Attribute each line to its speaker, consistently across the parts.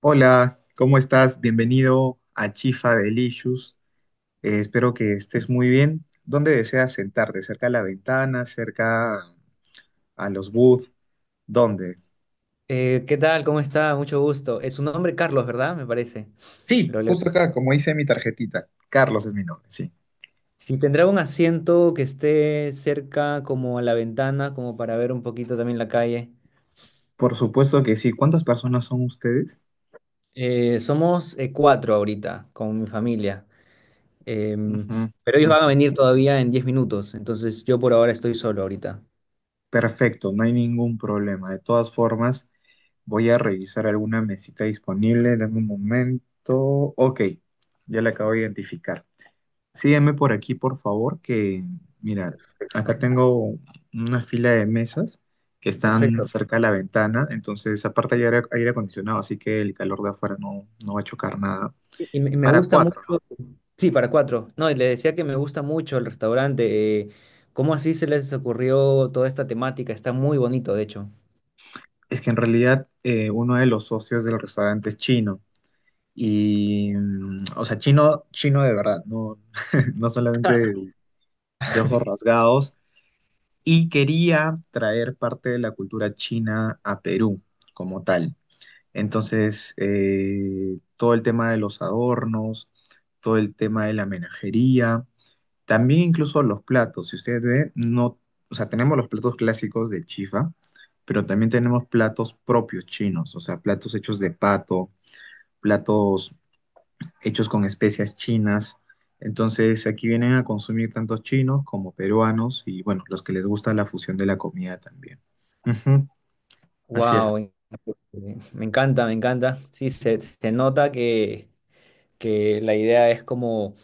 Speaker 1: Hola, ¿cómo estás? Bienvenido a Chifa Delicious. Espero que estés muy bien. ¿Dónde deseas sentarte? ¿Cerca a la ventana? ¿Cerca a los booths? ¿Dónde?
Speaker 2: ¿Qué tal? ¿Cómo está? Mucho gusto. ¿Es su nombre Carlos, verdad? Me parece.
Speaker 1: Sí,
Speaker 2: Lo leo.
Speaker 1: justo acá, como dice mi tarjetita. Carlos es mi nombre, sí.
Speaker 2: Si tendrá un asiento que esté cerca como a la ventana, como para ver un poquito también la calle.
Speaker 1: Por supuesto que sí. ¿Cuántas personas son ustedes?
Speaker 2: Somos cuatro ahorita con mi familia. Em,
Speaker 1: Ujú,
Speaker 2: pero ellos van a
Speaker 1: ujú.
Speaker 2: venir todavía en 10 minutos, entonces yo por ahora estoy solo ahorita.
Speaker 1: Perfecto, no hay ningún problema. De todas formas, voy a revisar alguna mesita disponible. Dame un momento. Ok, ya la acabo de identificar. Sígueme por aquí, por favor, que mira, acá
Speaker 2: ¿No?
Speaker 1: tengo una fila de mesas que están
Speaker 2: Perfecto.
Speaker 1: cerca de la ventana. Entonces, aparte, hay aire acondicionado, así que el calor de afuera no, no va a chocar nada.
Speaker 2: Y me
Speaker 1: Para
Speaker 2: gusta mucho,
Speaker 1: cuatro, ¿no?
Speaker 2: sí, para cuatro. No, y le decía que me gusta mucho el restaurante. ¿Cómo así se les ocurrió toda esta temática? Está muy bonito, de hecho.
Speaker 1: Es que en realidad uno de los socios del restaurante es chino, y, o sea, chino, chino de verdad, no, no solamente de ojos rasgados, y quería traer parte de la cultura china a Perú como tal. Entonces, todo el tema de los adornos, todo el tema de la menajería, también incluso los platos. Si ustedes ven, no, o sea, tenemos los platos clásicos de chifa, pero también tenemos platos propios chinos, o sea, platos hechos de pato, platos hechos con especias chinas. Entonces, aquí vienen a consumir tantos chinos como peruanos y, bueno, los que les gusta la fusión de la comida también. Ujú, así es.
Speaker 2: Wow, me encanta, me encanta. Sí, se nota que la idea es como,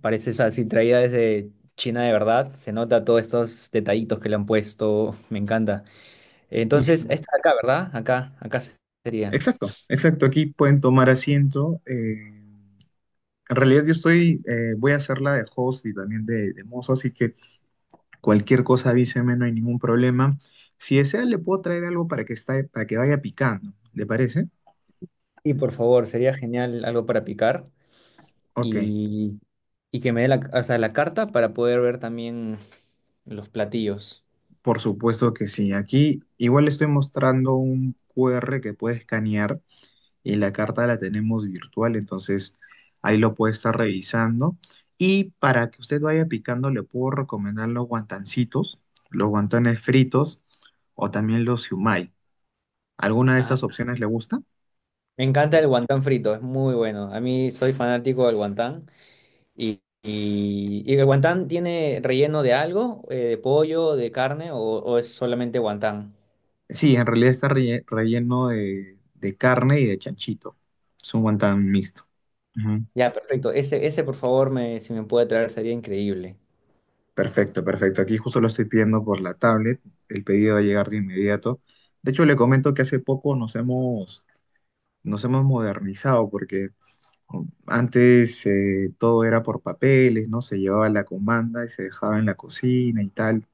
Speaker 2: parece, o sea, así traída desde China de verdad. Se nota todos estos detallitos que le han puesto. Me encanta. Entonces, esta de acá, ¿verdad? Acá, acá sería.
Speaker 1: Exacto, exacto. Aquí pueden tomar asiento. En realidad yo estoy, voy a hacer la de host y también de mozo, así que cualquier cosa avíseme, no hay ningún problema. Si desea, le puedo traer algo para que vaya picando. ¿Le parece?
Speaker 2: Y por favor, sería genial algo para picar
Speaker 1: Ok,
Speaker 2: y, y que me dé la, o sea, la carta para poder ver también los platillos.
Speaker 1: por supuesto que sí. Aquí igual le estoy mostrando un QR que puede escanear y la carta la tenemos virtual, entonces ahí lo puede estar revisando. Y para que usted vaya picando, le puedo recomendar los guantancitos, los guantanes fritos o también los siumai. ¿Alguna de
Speaker 2: Ajá.
Speaker 1: estas opciones le gusta?
Speaker 2: Me encanta el guantán frito, es muy bueno. A mí soy fanático del guantán. Y el guantán tiene relleno de algo, de pollo, de carne, o es solamente guantán.
Speaker 1: Sí, en realidad está relleno de carne y de chanchito. Es un guantán mixto. Ujú.
Speaker 2: Ya, perfecto. Ese, por favor, me, si me puede traer, sería increíble.
Speaker 1: Perfecto, perfecto. Aquí justo lo estoy pidiendo por la tablet. El pedido va a llegar de inmediato. De hecho, le comento que hace poco nos hemos modernizado, porque antes todo era por papeles, ¿no? Se llevaba la comanda y se dejaba en la cocina y tal.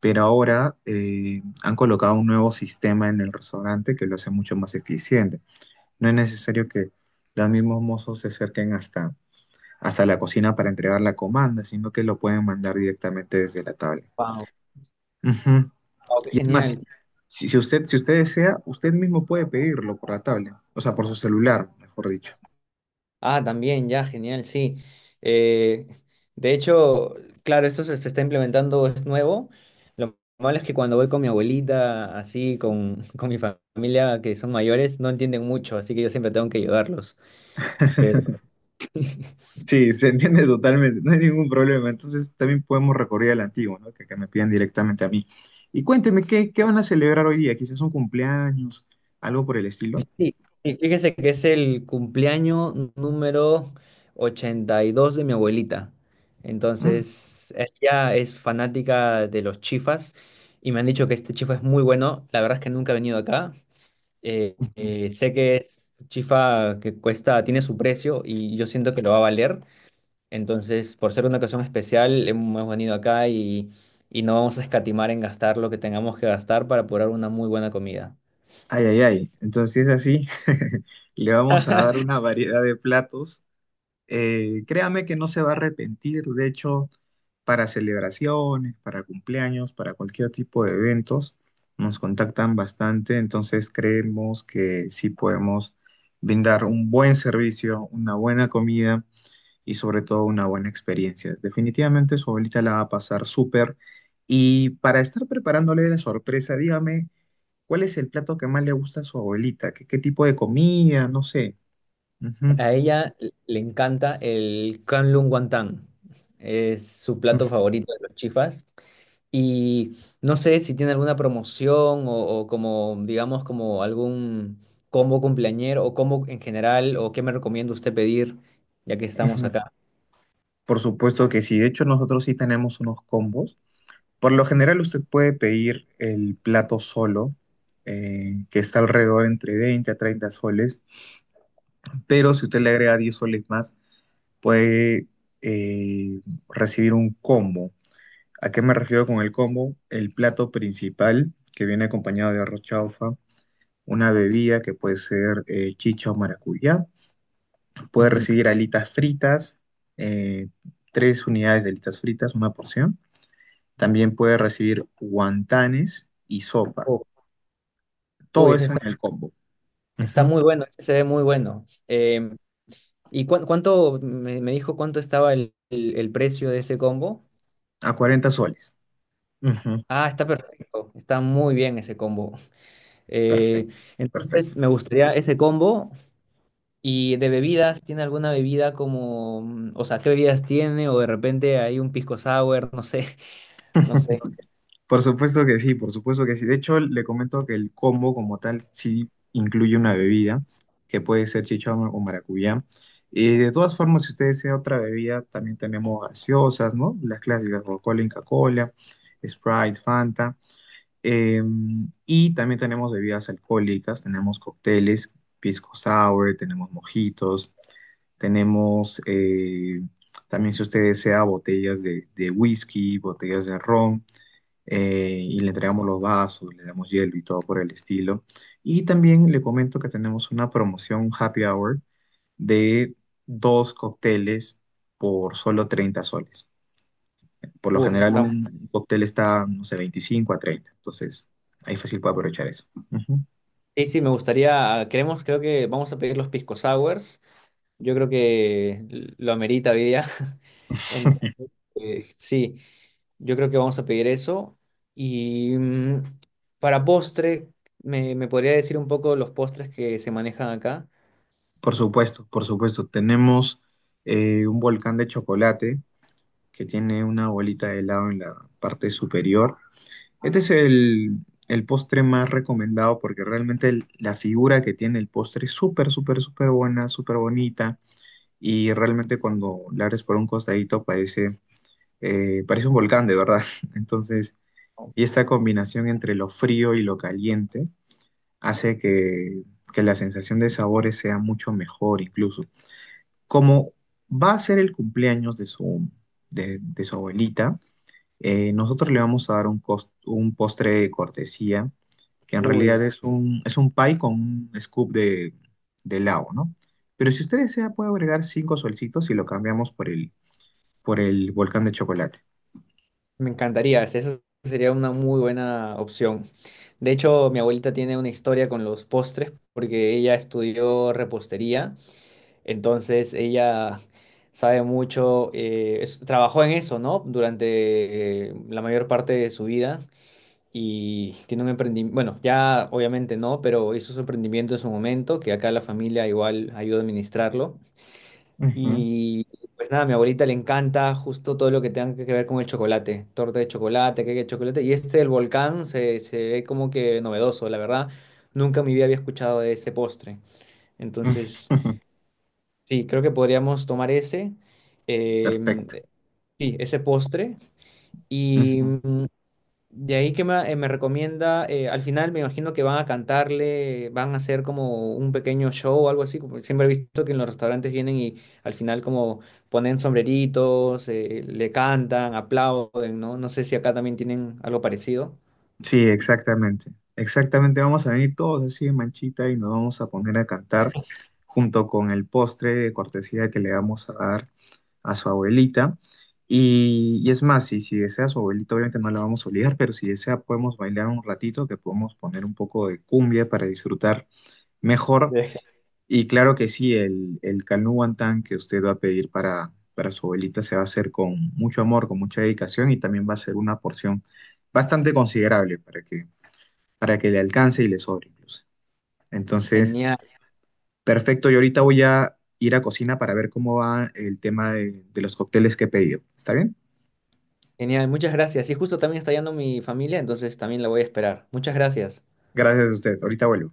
Speaker 1: Pero ahora han colocado un nuevo sistema en el restaurante que lo hace mucho más eficiente. No es necesario que los mismos mozos se acerquen hasta la cocina para entregar la comanda, sino que lo pueden mandar directamente desde la tabla.
Speaker 2: Wow.
Speaker 1: Ujú.
Speaker 2: Wow, qué
Speaker 1: Y es
Speaker 2: genial.
Speaker 1: más, si usted desea, usted mismo puede pedirlo por la tabla, o sea, por su celular, mejor dicho.
Speaker 2: Ah, también, ya, genial, sí. Eh, de hecho, claro, esto se está implementando, es nuevo. Lo malo es que cuando voy con mi abuelita, así, con, con mi familia, que son mayores, no entienden mucho, así que yo siempre tengo que ayudarlos.
Speaker 1: Sí, se entiende totalmente, no hay ningún problema. Entonces también podemos recurrir al antiguo, ¿no? Que me pidan directamente a mí. Y cuénteme, ¿qué van a celebrar hoy día? Quizás un cumpleaños, algo por el estilo.
Speaker 2: Sí, sí, fíjese que es el cumpleaños número 82 de mi abuelita.
Speaker 1: Mm.
Speaker 2: Entonces, ella es fanática de los chifas y me han dicho que este chifa es muy bueno. La verdad es que nunca he venido acá. Sé que es chifa que cuesta, tiene su precio y yo siento que lo va a valer. Entonces, por ser una ocasión especial, hemos venido acá y no vamos a escatimar en gastar lo que tengamos que gastar para apurar una muy buena comida.
Speaker 1: Ay, ay, ay. Entonces así, le vamos a dar una variedad de platos. Créame que no se va a arrepentir. De hecho, para celebraciones, para cumpleaños, para cualquier tipo de eventos, nos contactan bastante, entonces creemos que sí podemos brindar un buen servicio, una buena comida y sobre todo una buena experiencia. Definitivamente su abuelita la va a pasar súper. Y para estar preparándole la sorpresa, dígame, ¿cuál es el plato que más le gusta a su abuelita? ¿Qué, qué tipo de comida? No sé. Ujú,
Speaker 2: A ella le encanta el Kangkong Wantang. Es su plato
Speaker 1: ujú,
Speaker 2: favorito de los chifas. Y no sé si tiene alguna promoción o como, digamos, como algún combo cumpleañero o combo en general o qué me recomienda usted pedir ya que estamos
Speaker 1: ujú.
Speaker 2: acá.
Speaker 1: Por supuesto que sí. De hecho, nosotros sí tenemos unos combos. Por lo general, usted puede pedir el plato solo, que está alrededor entre 20 a 30 soles. Pero si usted le agrega 10 soles más, puede eh, recibir un combo. ¿A qué me refiero con el combo? El plato principal, que viene acompañado de arroz chaufa, una bebida que puede ser chicha o maracuyá. Puede
Speaker 2: Ujú.
Speaker 1: recibir alitas fritas, eh, tres unidades de alitas fritas, una porción. También puede recibir guantanes y sopa.
Speaker 2: Oh, uy,
Speaker 1: Todo
Speaker 2: ese
Speaker 1: eso
Speaker 2: está,
Speaker 1: en el combo.
Speaker 2: está
Speaker 1: Ujú.
Speaker 2: muy bueno, ese se ve muy bueno. ¿Y cuánto, me dijo cuánto estaba el, el precio de ese combo?
Speaker 1: A 40 soles. Ujú.
Speaker 2: Ah, está perfecto, está muy bien ese combo. Eh,
Speaker 1: Perfecto,
Speaker 2: entonces
Speaker 1: perfecto.
Speaker 2: me gustaría ese combo. Y de bebidas, ¿tiene alguna bebida como, o sea, qué bebidas tiene? O de repente hay un pisco sour, no sé, no sé.
Speaker 1: Por supuesto que sí, por supuesto que sí. De hecho, le comento que el combo como tal sí incluye una bebida, que puede ser chichón o maracuyá. Y de todas formas, si usted desea otra bebida, también tenemos gaseosas, ¿no? Las clásicas, Coca-Cola, Inca Kola, Sprite, Fanta. Eh, y también tenemos bebidas alcohólicas, tenemos cócteles, pisco sour, tenemos mojitos, tenemos también, si usted desea, botellas de whisky, botellas de ron, y le entregamos los vasos, le damos hielo y todo por el estilo. Y también le comento que tenemos una promoción happy hour de dos cócteles por solo 30 soles. Por lo
Speaker 2: Uf, eso
Speaker 1: general
Speaker 2: está.
Speaker 1: un cóctel está, no sé, 25 a 30. Entonces, ahí fácil puede aprovechar eso. Ujú.
Speaker 2: Sí, sí, me gustaría, queremos, creo que vamos a pedir los pisco sours. Yo creo que lo amerita hoy día. Entonces, sí, yo creo que vamos a pedir eso. Y para postre, ¿me, me podría decir un poco los postres que se manejan acá?
Speaker 1: Por supuesto, por supuesto. Tenemos un volcán de chocolate que tiene una bolita de helado en la parte superior. Este es el postre más recomendado porque realmente la figura que tiene el postre es súper, súper, súper buena, súper bonita. Y realmente cuando la abres por un costadito parece, parece un volcán, de verdad. Entonces... Y esta combinación entre lo frío y lo caliente hace que la sensación de sabores sea mucho mejor incluso. Como va a ser el cumpleaños de su abuelita, nosotros le vamos a dar un postre de cortesía, que en realidad
Speaker 2: Uy.
Speaker 1: es un pie con un scoop de helado, ¿no? Pero si usted desea, puede agregar cinco solcitos y lo cambiamos por el volcán de chocolate.
Speaker 2: Me encantaría, es- eso sería una muy buena opción. De hecho, mi abuelita tiene una historia con los postres porque ella estudió repostería, entonces ella sabe mucho, es- trabajó en eso, ¿no? Durante la mayor parte de su vida y tiene un emprendimiento, bueno, ya obviamente no, pero hizo su emprendimiento en su momento, que acá la familia igual ayuda a administrarlo.
Speaker 1: Ujú,
Speaker 2: Y pues nada, a mi abuelita le encanta justo todo lo que tenga que ver con el chocolate, torta de chocolate, cake de chocolate. Y este el volcán se ve como que novedoso, la verdad. Nunca en mi vida había escuchado de ese postre. Entonces,
Speaker 1: ujú,
Speaker 2: sí, creo que podríamos tomar ese, em,
Speaker 1: perfecto.
Speaker 2: sí, ese postre. Y
Speaker 1: Ujú.
Speaker 2: de ahí que me, me recomienda, al final me imagino que van a cantarle, van a hacer como un pequeño show o algo así, como siempre he visto que en los restaurantes vienen y al final como ponen sombreritos, le cantan, aplauden, ¿no? No sé si acá también tienen algo parecido.
Speaker 1: Sí, exactamente. Exactamente, vamos a venir todos así de manchita y nos vamos a poner a cantar junto con el postre de cortesía que le vamos a dar a su abuelita. Y es más, si desea su abuelita, obviamente no la vamos a obligar, pero si desea podemos bailar un ratito, que podemos poner un poco de cumbia para disfrutar mejor.
Speaker 2: Deje-.
Speaker 1: Y claro que sí, el canú guantán que usted va a pedir para su abuelita se va a hacer con mucho amor, con mucha dedicación y también va a ser una porción bastante considerable para que le alcance y le sobre incluso. Entonces,
Speaker 2: Genial,
Speaker 1: perfecto, yo ahorita voy a ir a cocina para ver cómo va el tema de los cócteles que he pedido. ¿Está bien?
Speaker 2: genial, muchas gracias. Y justo también está yendo mi familia, entonces también la voy a esperar. Muchas gracias.
Speaker 1: Gracias a usted, ahorita vuelvo.